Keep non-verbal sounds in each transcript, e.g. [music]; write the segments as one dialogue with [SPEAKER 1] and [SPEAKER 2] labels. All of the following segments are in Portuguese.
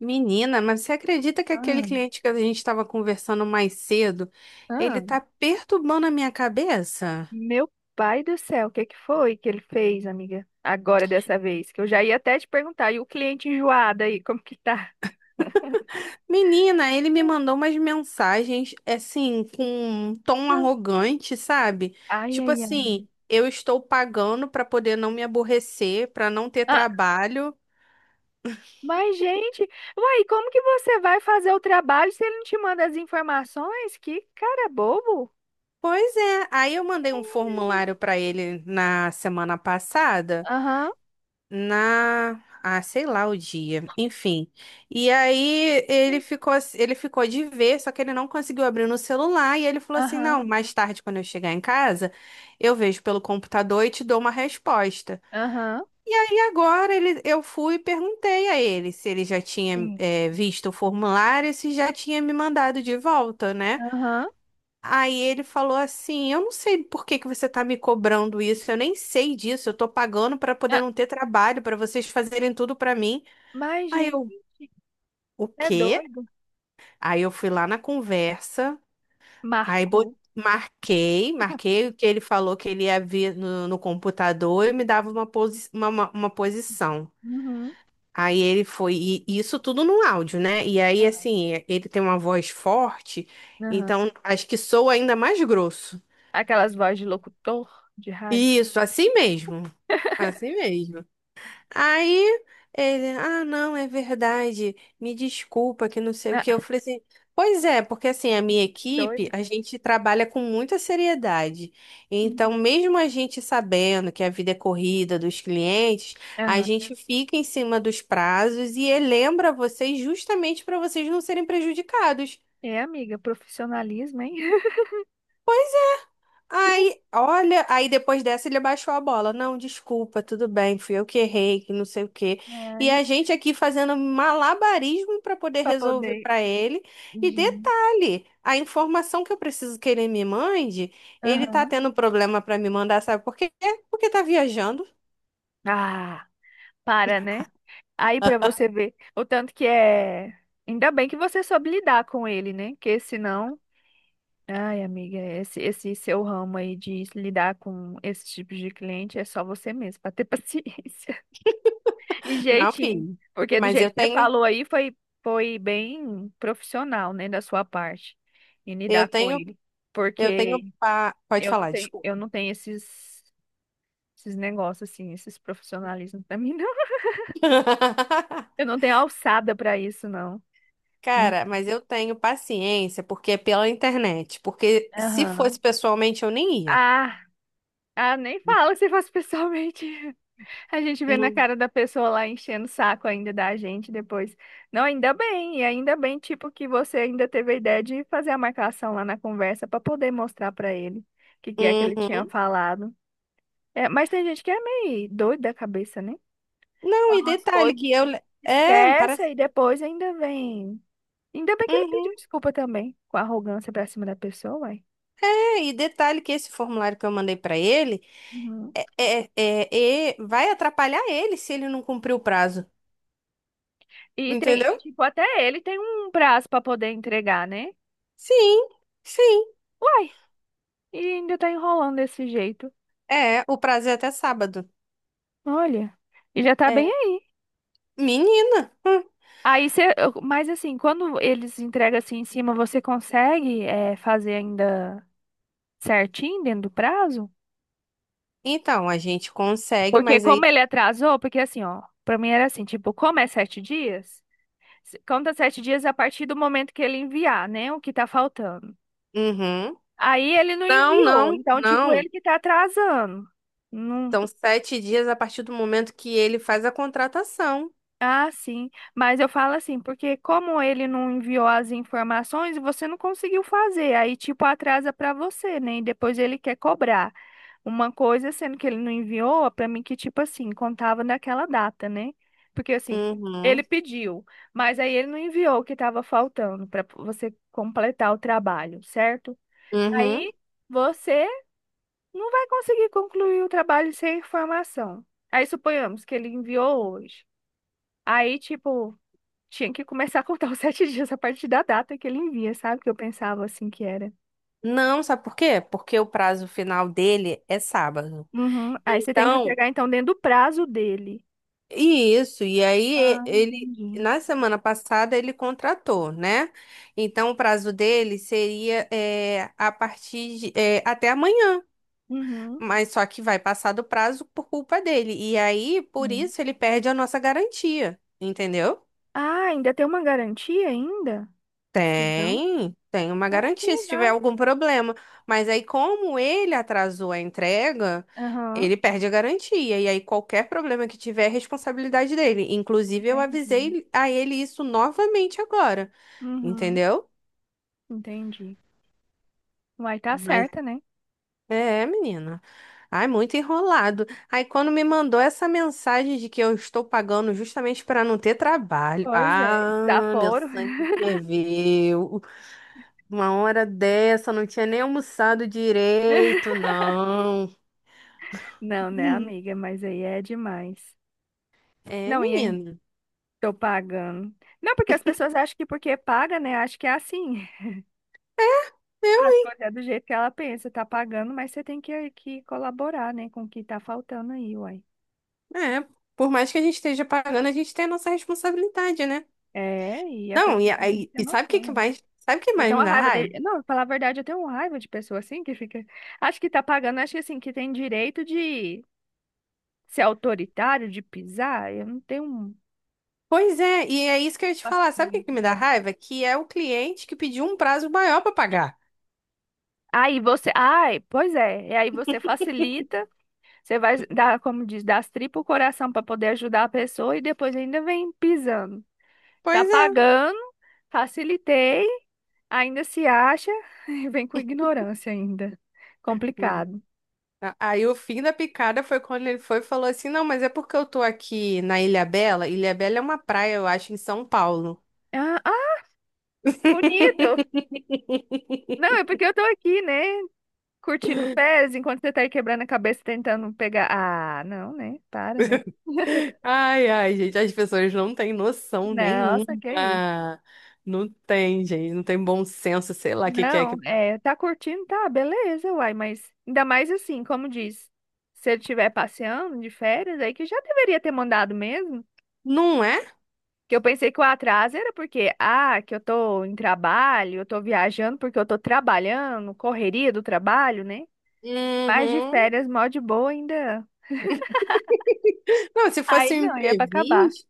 [SPEAKER 1] Menina, mas você acredita que aquele
[SPEAKER 2] Ah,
[SPEAKER 1] cliente que a gente estava conversando mais cedo, ele
[SPEAKER 2] ah,
[SPEAKER 1] tá perturbando a minha cabeça?
[SPEAKER 2] meu pai do céu, o que que foi que ele fez, amiga? Agora dessa vez, que eu já ia até te perguntar, e o cliente enjoado aí, como que tá?
[SPEAKER 1] Menina, ele me mandou umas mensagens assim com um tom
[SPEAKER 2] Hum.
[SPEAKER 1] arrogante, sabe?
[SPEAKER 2] Ai,
[SPEAKER 1] Tipo
[SPEAKER 2] ai, ai.
[SPEAKER 1] assim, eu estou pagando para poder não me aborrecer, para não ter
[SPEAKER 2] Ah,
[SPEAKER 1] trabalho.
[SPEAKER 2] mas, gente, uai, como que você vai fazer o trabalho se ele não te manda as informações? Que cara bobo.
[SPEAKER 1] Pois é, aí eu mandei um
[SPEAKER 2] Ai.
[SPEAKER 1] formulário para ele na semana passada.
[SPEAKER 2] Aham,
[SPEAKER 1] Na, sei lá o dia, enfim. E aí ele ficou, ele ficou de ver, só que ele não conseguiu abrir no celular e ele falou assim:
[SPEAKER 2] aham,
[SPEAKER 1] "Não, mais tarde quando eu chegar em casa, eu vejo pelo computador e te dou uma resposta".
[SPEAKER 2] aham.
[SPEAKER 1] E agora ele, eu fui e perguntei a ele se ele já tinha
[SPEAKER 2] Sim.
[SPEAKER 1] visto o formulário, e se já tinha me mandado de volta, né?
[SPEAKER 2] Aham.
[SPEAKER 1] Aí ele falou assim: eu não sei por que que você tá me cobrando isso, eu nem sei disso, eu tô pagando pra poder
[SPEAKER 2] Ah,
[SPEAKER 1] não ter trabalho, pra vocês fazerem tudo pra mim.
[SPEAKER 2] mas,
[SPEAKER 1] Aí
[SPEAKER 2] gente,
[SPEAKER 1] eu, o
[SPEAKER 2] é
[SPEAKER 1] quê?
[SPEAKER 2] doido.
[SPEAKER 1] Aí eu fui lá na conversa, aí bo-
[SPEAKER 2] Marcou.
[SPEAKER 1] marquei, marquei o que ele falou que ele ia vir no computador e me dava uma, posi uma, uma posição.
[SPEAKER 2] Uhum.
[SPEAKER 1] Aí ele foi, e isso tudo no áudio, né? E aí,
[SPEAKER 2] Aham.
[SPEAKER 1] assim, ele tem uma voz forte,
[SPEAKER 2] Aham.
[SPEAKER 1] então acho que soa ainda mais grosso.
[SPEAKER 2] Aquelas vozes de locutor de rádio.
[SPEAKER 1] Isso, assim mesmo.
[SPEAKER 2] [laughs]
[SPEAKER 1] Assim mesmo. Aí ele, não, é verdade. Me desculpa que não sei o que. Eu
[SPEAKER 2] Ah,
[SPEAKER 1] falei assim, pois é, porque assim, a minha equipe,
[SPEAKER 2] doida.
[SPEAKER 1] a gente trabalha com muita seriedade.
[SPEAKER 2] Uhum.
[SPEAKER 1] Então, mesmo a gente sabendo que a vida é corrida dos clientes, a
[SPEAKER 2] Aham.
[SPEAKER 1] gente fica em cima dos prazos e lembra vocês justamente para vocês não serem prejudicados.
[SPEAKER 2] É, amiga, profissionalismo, hein? [laughs] Que-
[SPEAKER 1] Aí, olha, aí depois dessa ele baixou a bola. Não, desculpa, tudo bem, fui eu que errei, que não sei o quê. E
[SPEAKER 2] Ai,
[SPEAKER 1] a gente aqui fazendo malabarismo para poder
[SPEAKER 2] pra
[SPEAKER 1] resolver
[SPEAKER 2] poder.
[SPEAKER 1] para ele. E
[SPEAKER 2] Gente.
[SPEAKER 1] detalhe, a informação que eu preciso que ele me mande, ele tá
[SPEAKER 2] Aham.
[SPEAKER 1] tendo problema para me mandar, sabe por quê? Porque tá viajando.
[SPEAKER 2] Ah, para, né? Aí pra você ver o tanto que é. Ainda bem que você soube lidar com ele, né? Porque senão. Ai, amiga, esse seu ramo aí de lidar com esse tipo de cliente é só você mesmo, pra ter [laughs] paciência. Que
[SPEAKER 1] Não,
[SPEAKER 2] jeitinho.
[SPEAKER 1] filho.
[SPEAKER 2] Porque do
[SPEAKER 1] Mas
[SPEAKER 2] jeito
[SPEAKER 1] eu
[SPEAKER 2] que você
[SPEAKER 1] tenho,
[SPEAKER 2] falou aí foi, foi bem profissional, né, da sua parte, em
[SPEAKER 1] eu
[SPEAKER 2] lidar com
[SPEAKER 1] tenho,
[SPEAKER 2] ele.
[SPEAKER 1] eu tenho
[SPEAKER 2] Porque
[SPEAKER 1] pa... Pode
[SPEAKER 2] eu não
[SPEAKER 1] falar,
[SPEAKER 2] tenho,
[SPEAKER 1] desculpa.
[SPEAKER 2] eu não tenho esses, esses negócios, assim, esses profissionalismos pra [laughs] mim, não.
[SPEAKER 1] [laughs]
[SPEAKER 2] Eu não tenho alçada pra isso, não. Me-
[SPEAKER 1] Cara, mas eu tenho paciência porque é pela internet. Porque se fosse
[SPEAKER 2] Aham.
[SPEAKER 1] pessoalmente, eu nem ia.
[SPEAKER 2] Ah, ah, nem fala se faz pessoalmente. A gente vê na
[SPEAKER 1] Não.
[SPEAKER 2] cara da pessoa lá enchendo o saco ainda da gente depois. Não, ainda bem, e ainda bem, tipo, que você ainda teve a ideia de fazer a marcação lá na conversa para poder mostrar para ele o que que é que ele tinha
[SPEAKER 1] Uhum.
[SPEAKER 2] falado. É, mas tem gente que é meio doida da cabeça, né?
[SPEAKER 1] Não,
[SPEAKER 2] Fala
[SPEAKER 1] e
[SPEAKER 2] umas
[SPEAKER 1] detalhe
[SPEAKER 2] coisas
[SPEAKER 1] que eu.
[SPEAKER 2] assim,
[SPEAKER 1] É,
[SPEAKER 2] esquece
[SPEAKER 1] parece.
[SPEAKER 2] e depois ainda vem. Ainda bem que ele pediu
[SPEAKER 1] Uhum.
[SPEAKER 2] desculpa também, com arrogância pra cima da pessoa, uai.
[SPEAKER 1] É, e detalhe que esse formulário que eu mandei pra ele
[SPEAKER 2] Uhum.
[SPEAKER 1] vai atrapalhar ele se ele não cumprir o prazo.
[SPEAKER 2] E tem,
[SPEAKER 1] Entendeu?
[SPEAKER 2] tipo, até ele tem um prazo para poder entregar, né?
[SPEAKER 1] Sim, sim.
[SPEAKER 2] Uai, e ainda tá enrolando desse jeito.
[SPEAKER 1] É, o prazo é até sábado.
[SPEAKER 2] Olha, e já tá bem
[SPEAKER 1] É.
[SPEAKER 2] aí.
[SPEAKER 1] Menina. Hum.
[SPEAKER 2] Aí você, mas assim, quando eles entregam assim em cima, você consegue fazer ainda certinho dentro do prazo?
[SPEAKER 1] Então, a gente consegue,
[SPEAKER 2] Porque
[SPEAKER 1] mas
[SPEAKER 2] como
[SPEAKER 1] aí.
[SPEAKER 2] ele atrasou, porque assim, ó, pra mim era assim, tipo, como é sete dias, conta sete dias a partir do momento que ele enviar, né, o que tá faltando.
[SPEAKER 1] Uhum.
[SPEAKER 2] Aí ele não
[SPEAKER 1] Não,
[SPEAKER 2] enviou,
[SPEAKER 1] não,
[SPEAKER 2] então tipo,
[SPEAKER 1] não.
[SPEAKER 2] ele que tá atrasando.
[SPEAKER 1] São sete dias a partir do momento que ele faz a contratação.
[SPEAKER 2] Ah, sim. Mas eu falo assim, porque como ele não enviou as informações, você não conseguiu fazer. Aí, tipo, atrasa pra você, né? E depois ele quer cobrar uma coisa, sendo que ele não enviou, pra mim que, tipo assim, contava naquela data, né? Porque assim, ele
[SPEAKER 1] Uhum,
[SPEAKER 2] pediu, mas aí ele não enviou o que tava faltando pra você completar o trabalho, certo?
[SPEAKER 1] uhum.
[SPEAKER 2] Aí você não vai conseguir concluir o trabalho sem informação. Aí suponhamos que ele enviou hoje. Aí, tipo, tinha que começar a contar os [laughs] sete dias a partir da data que ele envia, sabe? Que eu pensava assim que era.
[SPEAKER 1] Não, sabe por quê? Porque o prazo final dele é sábado.
[SPEAKER 2] Uhum. Aí você tem que
[SPEAKER 1] Então,
[SPEAKER 2] entregar, então, dentro do prazo dele.
[SPEAKER 1] e isso,
[SPEAKER 2] Ah,
[SPEAKER 1] ele,
[SPEAKER 2] entendi.
[SPEAKER 1] na semana passada, ele contratou, né? Então, o prazo dele seria é, a partir de, é, até amanhã,
[SPEAKER 2] Uhum.
[SPEAKER 1] mas só que vai passar do prazo por culpa dele. E aí, por
[SPEAKER 2] Hum.
[SPEAKER 1] isso, ele perde a nossa garantia, entendeu?
[SPEAKER 2] Ah, ainda tem uma garantia ainda? Que legal.
[SPEAKER 1] Tem, tem uma
[SPEAKER 2] Ah, que
[SPEAKER 1] garantia se tiver
[SPEAKER 2] legal.
[SPEAKER 1] algum problema. Mas aí, como ele atrasou a entrega,
[SPEAKER 2] Aham.
[SPEAKER 1] ele perde a garantia. E aí, qualquer problema que tiver é responsabilidade dele. Inclusive, eu
[SPEAKER 2] Entendi.
[SPEAKER 1] avisei a ele isso novamente agora.
[SPEAKER 2] Uhum.
[SPEAKER 1] Entendeu?
[SPEAKER 2] Entendi. Vai tá
[SPEAKER 1] Mas
[SPEAKER 2] certa, né?
[SPEAKER 1] é, menina. Ai, muito enrolado. Aí, quando me mandou essa mensagem de que eu estou pagando justamente para não ter trabalho.
[SPEAKER 2] Pois é.
[SPEAKER 1] Ah, meu
[SPEAKER 2] Desaforo.
[SPEAKER 1] sangue ferveu. Uma hora dessa, não tinha nem almoçado
[SPEAKER 2] [laughs]
[SPEAKER 1] direito, não.
[SPEAKER 2] Não, né, amiga?
[SPEAKER 1] [laughs]
[SPEAKER 2] Mas aí é demais.
[SPEAKER 1] É,
[SPEAKER 2] Não, e aí
[SPEAKER 1] menino.
[SPEAKER 2] tô pagando. Não, porque as pessoas acham que porque paga, né? Acho que é assim. As coisas é do jeito que ela pensa, tá pagando, mas você tem que colaborar, né, com o que tá faltando aí, uai.
[SPEAKER 1] É, por mais que a gente esteja pagando, a gente tem a nossa responsabilidade, né?
[SPEAKER 2] É, e a
[SPEAKER 1] Não, e,
[SPEAKER 2] pessoa também tem que ter
[SPEAKER 1] e sabe o que
[SPEAKER 2] noção.
[SPEAKER 1] que
[SPEAKER 2] Né?
[SPEAKER 1] mais, sabe o que
[SPEAKER 2] Eu
[SPEAKER 1] mais
[SPEAKER 2] tenho
[SPEAKER 1] me
[SPEAKER 2] uma
[SPEAKER 1] dá
[SPEAKER 2] raiva de.
[SPEAKER 1] raiva?
[SPEAKER 2] Não, pra falar a verdade, eu tenho uma raiva de pessoa assim que fica. Acho que tá pagando, acho que assim, que tem direito de ser autoritário, de pisar. Eu não tenho
[SPEAKER 1] Pois é, e é isso que eu ia te falar. Sabe o que que
[SPEAKER 2] paciência
[SPEAKER 1] me dá
[SPEAKER 2] pra isso.
[SPEAKER 1] raiva? Que é o cliente que pediu um prazo maior para pagar.
[SPEAKER 2] Aí você. Ai, pois é. E aí você facilita, você vai dar, como diz, dar as tripas o coração pra poder ajudar a pessoa e depois ainda vem pisando. Tá
[SPEAKER 1] Pois é.
[SPEAKER 2] pagando, facilitei, ainda se acha, [laughs] vem com ignorância ainda.
[SPEAKER 1] Hum.
[SPEAKER 2] Complicado.
[SPEAKER 1] Aí o fim da picada foi quando ele foi e falou assim: "Não, mas é porque eu tô aqui na Ilha Bela. Ilha Bela é uma praia, eu acho, em São Paulo."
[SPEAKER 2] Ah, ah, bonito!
[SPEAKER 1] [laughs]
[SPEAKER 2] Não, é porque eu tô aqui, né? Curtindo pés, enquanto você tá aí quebrando a cabeça tentando pegar. Ah, não, né? Para, né? [laughs]
[SPEAKER 1] Ai, ai, gente, as pessoas não têm noção nenhuma.
[SPEAKER 2] Nossa, que isso.
[SPEAKER 1] Não tem, gente, não tem bom senso, sei lá, o que que é
[SPEAKER 2] Não,
[SPEAKER 1] que pode.
[SPEAKER 2] é, tá curtindo, tá, beleza, uai, mas ainda mais assim, como diz, se ele estiver passeando de férias, aí que já deveria ter mandado mesmo.
[SPEAKER 1] Não é?
[SPEAKER 2] Que eu pensei que o atraso era porque, ah, que eu tô em trabalho, eu tô viajando porque eu tô trabalhando, correria do trabalho, né? Mas de
[SPEAKER 1] Uhum.
[SPEAKER 2] férias, mó de boa ainda.
[SPEAKER 1] Não, se
[SPEAKER 2] Aí
[SPEAKER 1] fosse um
[SPEAKER 2] não, ia pra acabar.
[SPEAKER 1] imprevisto,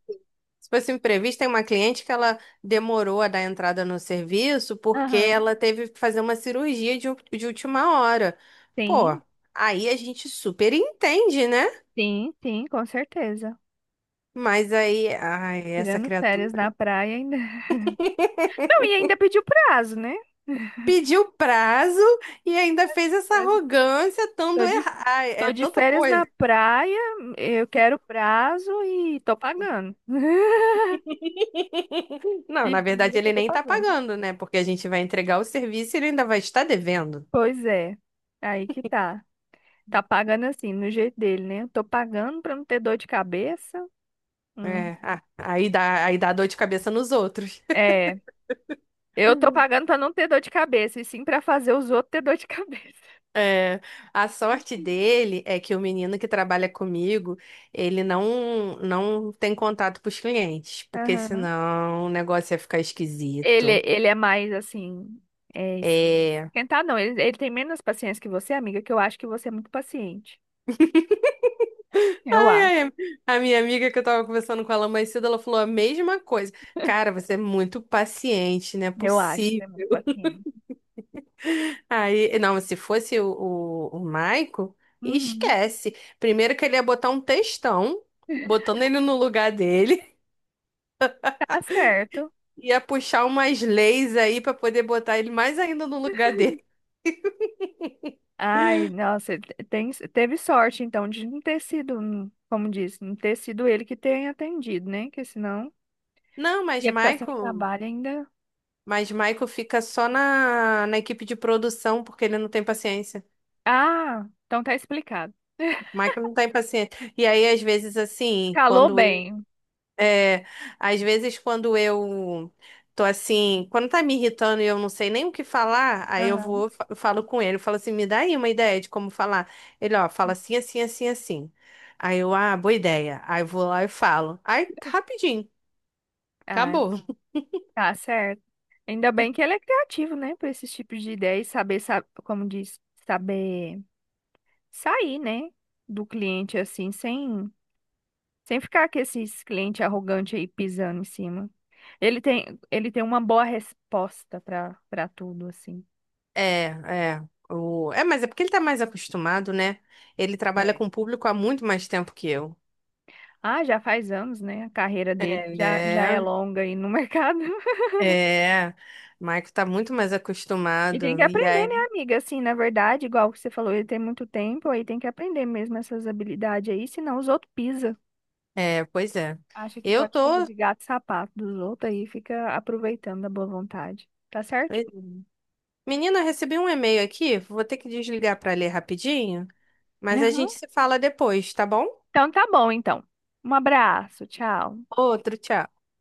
[SPEAKER 1] se fosse um imprevisto, tem uma cliente que ela demorou a dar entrada no serviço porque
[SPEAKER 2] Aham.
[SPEAKER 1] ela teve que fazer uma cirurgia de, de última hora. Pô,
[SPEAKER 2] Sim,
[SPEAKER 1] aí a gente super entende, né?
[SPEAKER 2] sim, sim, com certeza.
[SPEAKER 1] Mas aí, ai, essa
[SPEAKER 2] Tirando férias
[SPEAKER 1] criatura.
[SPEAKER 2] na praia ainda. [laughs] Não, e ainda pediu prazo, né?
[SPEAKER 1] Pediu prazo e ainda fez essa arrogância, tanto
[SPEAKER 2] Tô de,
[SPEAKER 1] errar, ai, é
[SPEAKER 2] tô de
[SPEAKER 1] tanta
[SPEAKER 2] férias na
[SPEAKER 1] coisa.
[SPEAKER 2] praia, eu quero prazo e tô pagando. [laughs]
[SPEAKER 1] Não,
[SPEAKER 2] E
[SPEAKER 1] na verdade
[SPEAKER 2] vira que eu
[SPEAKER 1] ele
[SPEAKER 2] tô
[SPEAKER 1] nem tá
[SPEAKER 2] pagando.
[SPEAKER 1] pagando, né? Porque a gente vai entregar o serviço e ele ainda vai estar devendo.
[SPEAKER 2] Pois é, aí que tá. Tá pagando assim, no jeito dele, né? Tô pagando pra não ter dor de cabeça. Hum.
[SPEAKER 1] É, ah, aí dá dor de cabeça nos outros.
[SPEAKER 2] É, eu tô
[SPEAKER 1] [laughs]
[SPEAKER 2] pagando pra não ter dor de cabeça, e sim pra fazer os outros ter dor de cabeça.
[SPEAKER 1] É, a sorte
[SPEAKER 2] [laughs]
[SPEAKER 1] dele é que o menino que trabalha comigo, ele não tem contato com os clientes, porque
[SPEAKER 2] Aham.
[SPEAKER 1] senão o negócio ia ficar
[SPEAKER 2] Ele,
[SPEAKER 1] esquisito.
[SPEAKER 2] ele é mais assim, é,
[SPEAKER 1] É,
[SPEAKER 2] esquentar não, ele tem menos paciência que você, amiga, que eu acho que você é muito paciente.
[SPEAKER 1] [laughs]
[SPEAKER 2] Eu acho,
[SPEAKER 1] ai, a minha amiga que eu tava conversando com ela mais cedo, ela falou a mesma coisa. Cara, você é muito paciente, não é
[SPEAKER 2] eu acho que você é muito
[SPEAKER 1] possível.
[SPEAKER 2] paciente.
[SPEAKER 1] Aí, não, se fosse o Maico,
[SPEAKER 2] Uhum,
[SPEAKER 1] esquece. Primeiro que ele ia botar um textão, botando ele no lugar dele,
[SPEAKER 2] tá certo.
[SPEAKER 1] [laughs] ia puxar umas leis aí pra poder botar ele mais ainda no lugar dele.
[SPEAKER 2] Ai, nossa, ele teve sorte então de não ter sido, como disse, não ter sido ele que tenha atendido, né? Que senão.
[SPEAKER 1] Não,
[SPEAKER 2] Ia ficar sem trabalho ainda.
[SPEAKER 1] Mas Maico fica só na, na equipe de produção porque ele não tem paciência.
[SPEAKER 2] Ah, então tá explicado. [laughs]
[SPEAKER 1] Maico não tem paciência. E aí, às vezes, assim,
[SPEAKER 2] Calou
[SPEAKER 1] quando
[SPEAKER 2] bem.
[SPEAKER 1] é, às vezes quando eu tô assim, quando tá me irritando e eu não sei nem o que falar, aí
[SPEAKER 2] Aham.
[SPEAKER 1] eu falo com ele, eu falo assim, me dá aí uma ideia de como falar. Ele, ó, fala assim, assim, assim, assim. Aí eu, ah, boa ideia. Aí eu vou lá e falo. Aí, rapidinho,
[SPEAKER 2] Ah,
[SPEAKER 1] acabou.
[SPEAKER 2] tá certo. Ainda bem que ele é criativo, né? Para esses tipos de ideias, saber, sa- como diz, saber sair, né? Do cliente assim, sem, sem ficar com esses clientes arrogantes aí pisando em cima. Ele tem uma boa resposta para para tudo, assim.
[SPEAKER 1] É, é. O... É, mas é porque ele tá mais acostumado, né? Ele trabalha
[SPEAKER 2] É.
[SPEAKER 1] com o público há muito mais tempo que eu.
[SPEAKER 2] Ah, já faz anos, né? A carreira dele já, já é
[SPEAKER 1] É,
[SPEAKER 2] longa aí no [laughs] mercado.
[SPEAKER 1] é. Maico tá muito mais
[SPEAKER 2] E tem que
[SPEAKER 1] acostumado. E
[SPEAKER 2] aprender, né,
[SPEAKER 1] aí.
[SPEAKER 2] amiga? Assim, na verdade, igual que você falou, ele tem muito tempo, aí tem que aprender mesmo essas habilidades aí, senão os outros pisam.
[SPEAKER 1] É, pois é.
[SPEAKER 2] Acha que
[SPEAKER 1] Eu
[SPEAKER 2] pode fazer
[SPEAKER 1] tô.
[SPEAKER 2] de gato e sapato dos outros aí, fica aproveitando a boa vontade. Tá
[SPEAKER 1] Pois é.
[SPEAKER 2] certinho?
[SPEAKER 1] Menina, eu recebi um e-mail aqui. Vou ter que desligar para ler rapidinho, mas a
[SPEAKER 2] Aham.
[SPEAKER 1] gente se fala depois, tá bom?
[SPEAKER 2] Então tá bom, então. Um abraço, tchau.
[SPEAKER 1] Outro, tchau.